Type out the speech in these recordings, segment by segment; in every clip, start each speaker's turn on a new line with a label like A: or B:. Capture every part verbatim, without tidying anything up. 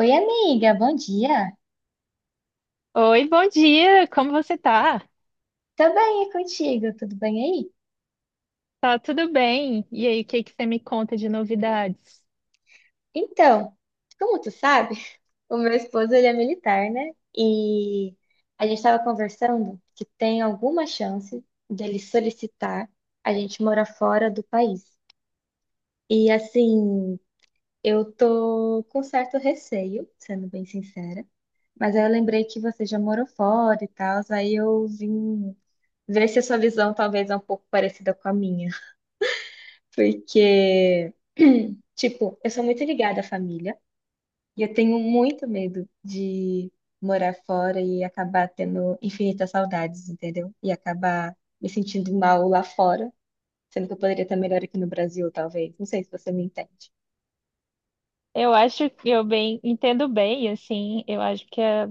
A: Oi, amiga, bom dia.
B: Oi, bom dia, como você tá?
A: Tá bem, e contigo? Tudo bem aí?
B: Tá tudo bem? E aí, o que que você me conta de novidades?
A: Então, como tu sabe, o meu esposo ele é militar, né? E a gente estava conversando que tem alguma chance dele solicitar a gente morar fora do país. E assim, eu tô com certo receio, sendo bem sincera, mas aí eu lembrei que você já morou fora e tal, aí eu vim ver se a sua visão talvez é um pouco parecida com a minha. Porque, tipo, eu sou muito ligada à família e eu tenho muito medo de morar fora e acabar tendo infinitas saudades, entendeu? E acabar me sentindo mal lá fora, sendo que eu poderia estar melhor aqui no Brasil, talvez. Não sei se você me entende.
B: Eu acho que eu bem entendo bem, assim, eu acho que é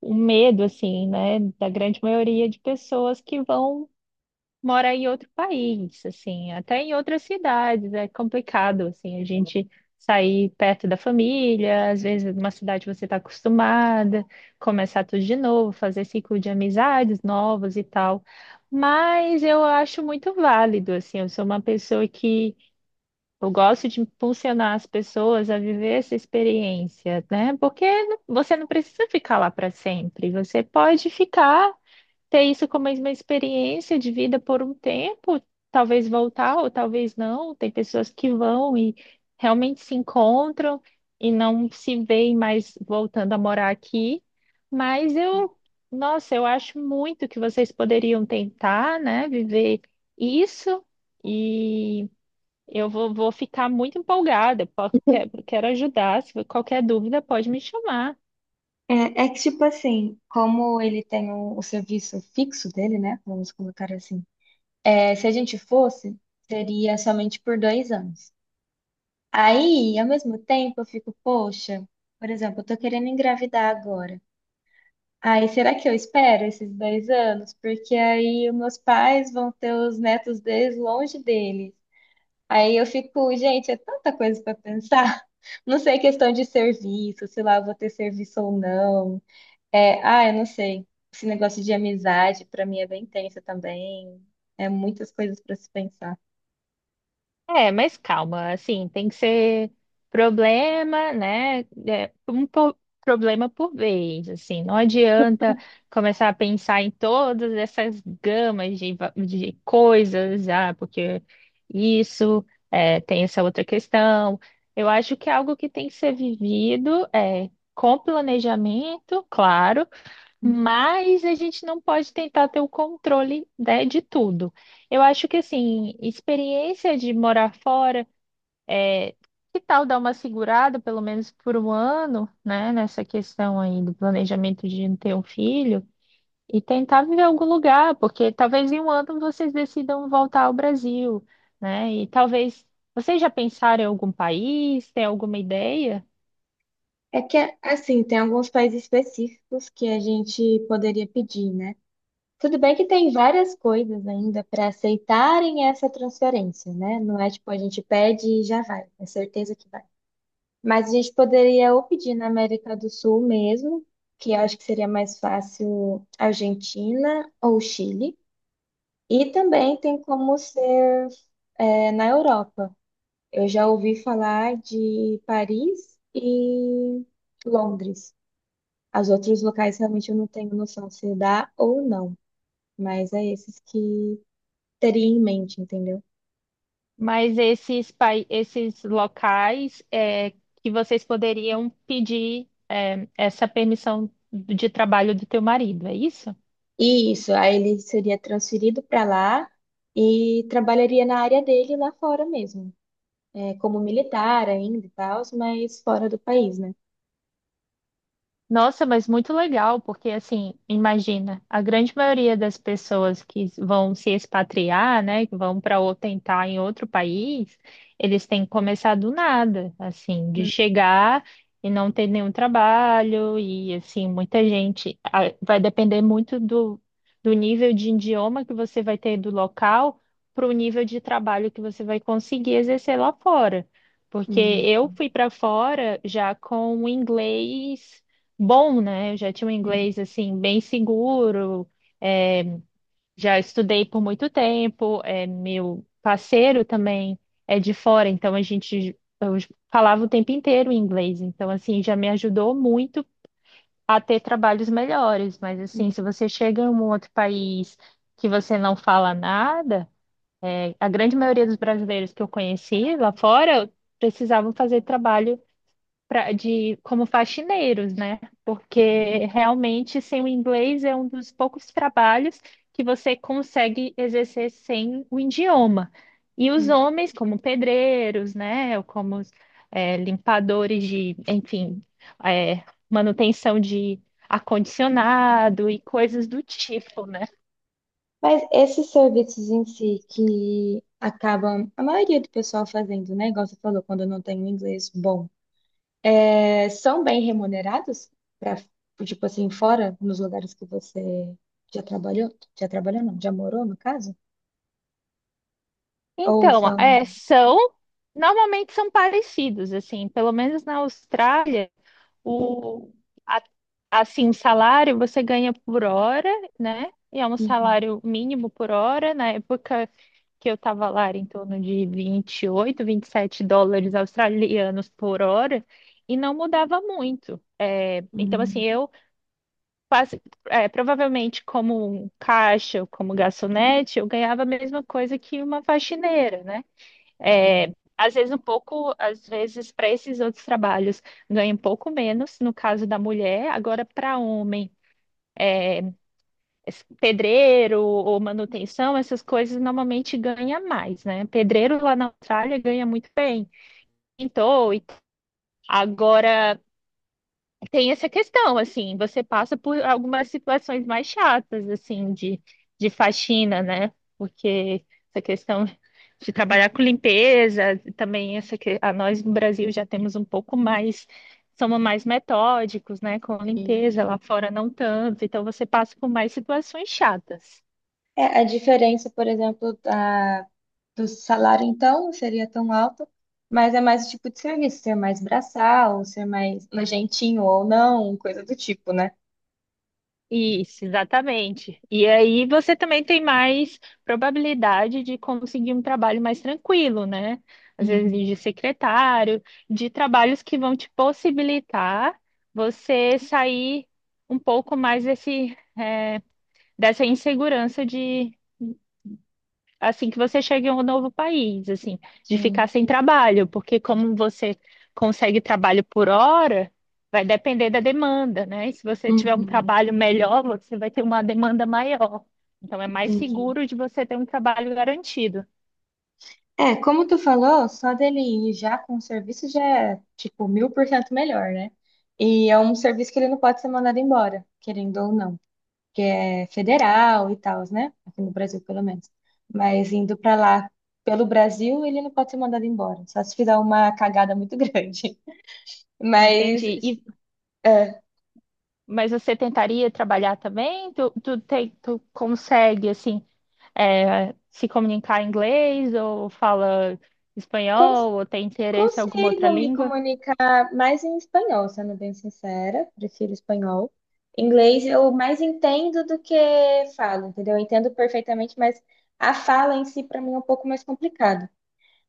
B: o medo, assim, né, da grande maioria de pessoas que vão mora em outro país, assim, até em outras cidades, é complicado, assim, a gente sair perto da família, às vezes numa cidade você está acostumada, começar tudo de novo, fazer ciclo de amizades novas e tal. Mas eu acho muito válido, assim, eu sou uma pessoa que eu gosto de impulsionar as pessoas a viver essa experiência, né? Porque você não precisa ficar lá para sempre, você pode ficar ter isso como uma experiência de vida por um tempo, talvez voltar ou talvez não. Tem pessoas que vão e realmente se encontram e não se veem mais voltando a morar aqui. Mas eu, nossa, eu acho muito que vocês poderiam tentar, né, viver isso e eu vou, vou ficar muito empolgada. po- Quero, quero ajudar. Se qualquer dúvida, pode me chamar.
A: É, é que, tipo assim, como ele tem o, o serviço fixo dele, né? Vamos colocar assim. É, se a gente fosse, seria somente por dois anos. Aí, ao mesmo tempo, eu fico, poxa, por exemplo, eu tô querendo engravidar agora. Aí, será que eu espero esses dez anos? Porque aí os meus pais vão ter os netos deles longe deles. Aí eu fico, gente, é tanta coisa para pensar. Não sei, questão de serviço, se lá eu vou ter serviço ou não. É, ah, eu não sei. Esse negócio de amizade, para mim, é bem tenso também. É muitas coisas para se pensar.
B: É, mas calma, assim, tem que ser problema, né? é, um po- problema por vez, assim, não adianta começar a pensar em todas essas gamas de, va- de coisas, ah, porque isso, é, tem essa outra questão. Eu acho que é algo que tem que ser vivido, é, com planejamento, claro mas a gente não pode tentar ter o controle, né, de tudo. Eu acho que, assim, experiência de morar fora, que tal dar uma segurada, pelo menos por um ano, né, nessa questão aí do planejamento de não ter um filho, e tentar viver em algum lugar, porque talvez em um ano vocês decidam voltar ao Brasil, né, e talvez vocês já pensaram em algum país, tem alguma ideia?
A: É que, assim, tem alguns países específicos que a gente poderia pedir, né? Tudo bem que tem várias coisas ainda para aceitarem essa transferência, né? Não é tipo a gente pede e já vai, é certeza que vai. Mas a gente poderia ou pedir na América do Sul mesmo, que eu acho que seria mais fácil Argentina ou Chile. E também tem como ser, é, na Europa. Eu já ouvi falar de Paris e Londres. Os outros locais realmente eu não tenho noção se dá ou não, mas é esses que teria em mente, entendeu?
B: Mas esses, pai- esses locais é, que vocês poderiam pedir é, essa permissão de trabalho do teu marido, é isso?
A: E isso, aí ele seria transferido para lá e trabalharia na área dele lá fora mesmo, é, como militar ainda e tal, mas fora do país, né?
B: Nossa, mas muito legal, porque assim, imagina, a grande maioria das pessoas que vão se expatriar, né, que vão para ou tentar em outro país, eles têm que começar do nada, assim, de
A: Hum,
B: chegar e não ter nenhum trabalho e assim, muita gente ah, vai depender muito do, do nível de idioma que você vai ter do local para o nível de trabalho que você vai conseguir exercer lá fora. Porque
A: hum,
B: eu fui para fora já com o inglês bom, né? Eu já tinha um
A: hum,
B: inglês assim bem seguro, já estudei por muito tempo, é, meu parceiro também é de fora, então a gente eu falava o tempo inteiro inglês, então assim já me ajudou muito a ter trabalhos melhores, mas assim,
A: hum,
B: se você chega em um outro país que você não fala nada, é, a grande maioria dos brasileiros que eu conheci lá fora precisavam fazer trabalho pra, de como faxineiros, né? Porque realmente sem o inglês é um dos poucos trabalhos que você consegue exercer sem o idioma. E os
A: hum.
B: homens, como pedreiros, né? Ou como é, limpadores de, enfim, é, manutenção de ar-condicionado e coisas do tipo, né?
A: Mas esses serviços em si que acabam, a maioria do pessoal fazendo, né? Igual você falou, quando não tem um inglês bom. É, são bem remunerados para, tipo assim, fora nos lugares que você já trabalhou? Já trabalhou, não, já morou, no caso? Ou
B: Então,
A: são.
B: é, são, normalmente são parecidos, assim, pelo menos na Austrália. O, a- assim, o salário você ganha por hora, né? E é um
A: Uhum,
B: salário mínimo por hora. Na época que eu estava lá, era em torno de vinte vinte e oito vinte e sete dólares australianos por hora, e não mudava muito. Então, assim,
A: uhum,
B: eu quase, é, provavelmente como um caixa, ou como garçonete, eu ganhava a mesma coisa que uma faxineira, né? É, às vezes um pouco, às vezes para esses outros trabalhos ganha um pouco menos, no caso da mulher, agora para homem, es- pedreiro ou manutenção, essas coisas normalmente ganha mais, né? Pedreiro lá na Austrália ganha muito bem, pintor, e t- agora tem essa questão, assim, você passa por algumas situações mais chatas, assim, de, de faxina, né? Porque essa questão de trabalhar
A: ok.
B: com limpeza, também essa que a nós no Brasil já temos um pouco mais, somos mais metódicos, né, com a limpeza, lá fora não tanto, então você passa por mais situações chatas.
A: É, a diferença, por exemplo, da, do salário, então, não seria tão alta, mas é mais o tipo de serviço, ser mais braçal, ser mais nojentinho ou não, coisa do tipo, né?
B: Isso, exatamente. E aí você também tem mais probabilidade de conseguir um trabalho mais tranquilo, né? Às vezes
A: Uhum,
B: de secretário, de trabalhos que vão te possibilitar você sair um pouco mais desse, eh, dessa insegurança assim que você chega em um novo país, assim, de
A: sim.
B: ficar sem trabalho, porque como você consegue trabalho por hora, vai depender da demanda, né? E se você tiver um
A: Uhum,
B: trabalho melhor, você vai ter uma demanda maior. Então é mais
A: entendi.
B: seguro de você ter um trabalho garantido.
A: É, como tu falou, só dele ir já com o serviço já é, tipo, mil por cento melhor, né? E é um serviço que ele não pode ser mandado embora, querendo ou não, que é federal e tal, né? Aqui no Brasil, pelo menos. Mas indo pra lá, pelo Brasil, ele não pode ser mandado embora, só se fizer uma cagada muito grande.
B: Entendi.
A: Mas,
B: E,
A: é,
B: mas você tentaria trabalhar também? Tu, tu, tem, tu consegue, assim, é, se comunicar em inglês ou fala
A: como
B: espanhol ou tem interesse em alguma outra
A: consigo me
B: língua?
A: comunicar mais em espanhol, sendo bem sincera, prefiro espanhol. Inglês eu mais entendo do que falo, entendeu? Eu entendo perfeitamente, mas a fala em si para mim é um pouco mais complicado.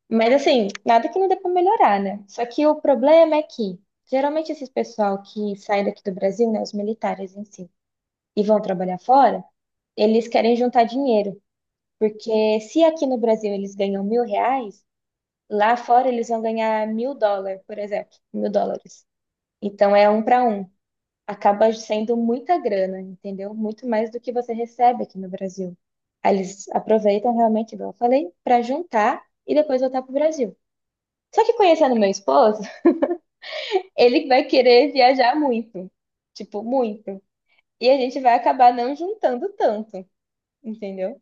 A: Mas assim, nada que não dê para melhorar, né? Só que o problema é que geralmente esses pessoal que saem daqui do Brasil, né, os militares em si, e vão trabalhar fora, eles querem juntar dinheiro, porque se aqui no Brasil eles ganham mil reais. Lá fora eles vão ganhar mil dólares, por exemplo, mil dólares. Então é um para um. Acaba sendo muita grana, entendeu? Muito mais do que você recebe aqui no Brasil. Aí eles aproveitam realmente, igual eu falei, para juntar e depois voltar pro Brasil. Só que conhecendo meu esposo, ele vai querer viajar muito, tipo, muito. E a gente vai acabar não juntando tanto, entendeu?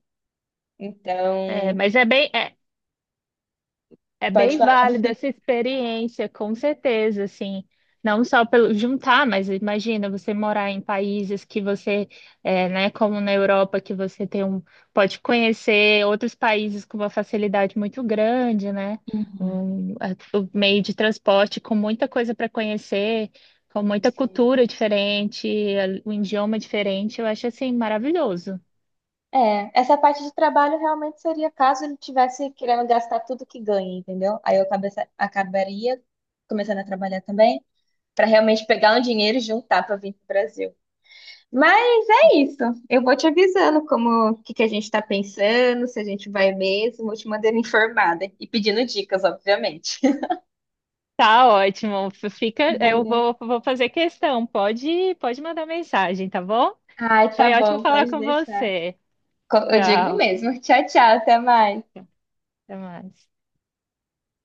B: É,
A: Então,
B: mas é bem, é, É
A: pode
B: bem
A: falar.
B: válida essa experiência, com certeza, assim, não só pelo juntar, mas imagina você morar em países que você, é, né, como na Europa, que você tem um, pode conhecer outros países com uma facilidade muito grande, né? Um, a- o meio de transporte com muita coisa para conhecer, com muita cultura diferente, a- um idioma diferente, eu acho assim maravilhoso.
A: É, essa parte de trabalho realmente seria caso ele tivesse querendo gastar tudo que ganha, entendeu? Aí eu cabece- acabaria começando a trabalhar também, para realmente pegar um dinheiro e juntar para vir para o Brasil. Mas é isso. Eu vou te avisando como o que que a gente está pensando, se a gente vai mesmo, vou te mandando informada e pedindo dicas, obviamente.
B: Tá ótimo. F- Fica, eu
A: Beleza.
B: vou, vou fazer questão. Pode, pode mandar mensagem, tá bom?
A: Ai, tá
B: Foi ótimo
A: bom,
B: falar
A: pode
B: com
A: deixar.
B: você.
A: Co- Eu digo
B: Tchau.
A: mesmo. Tchau, tchau, até mais.
B: Até mais.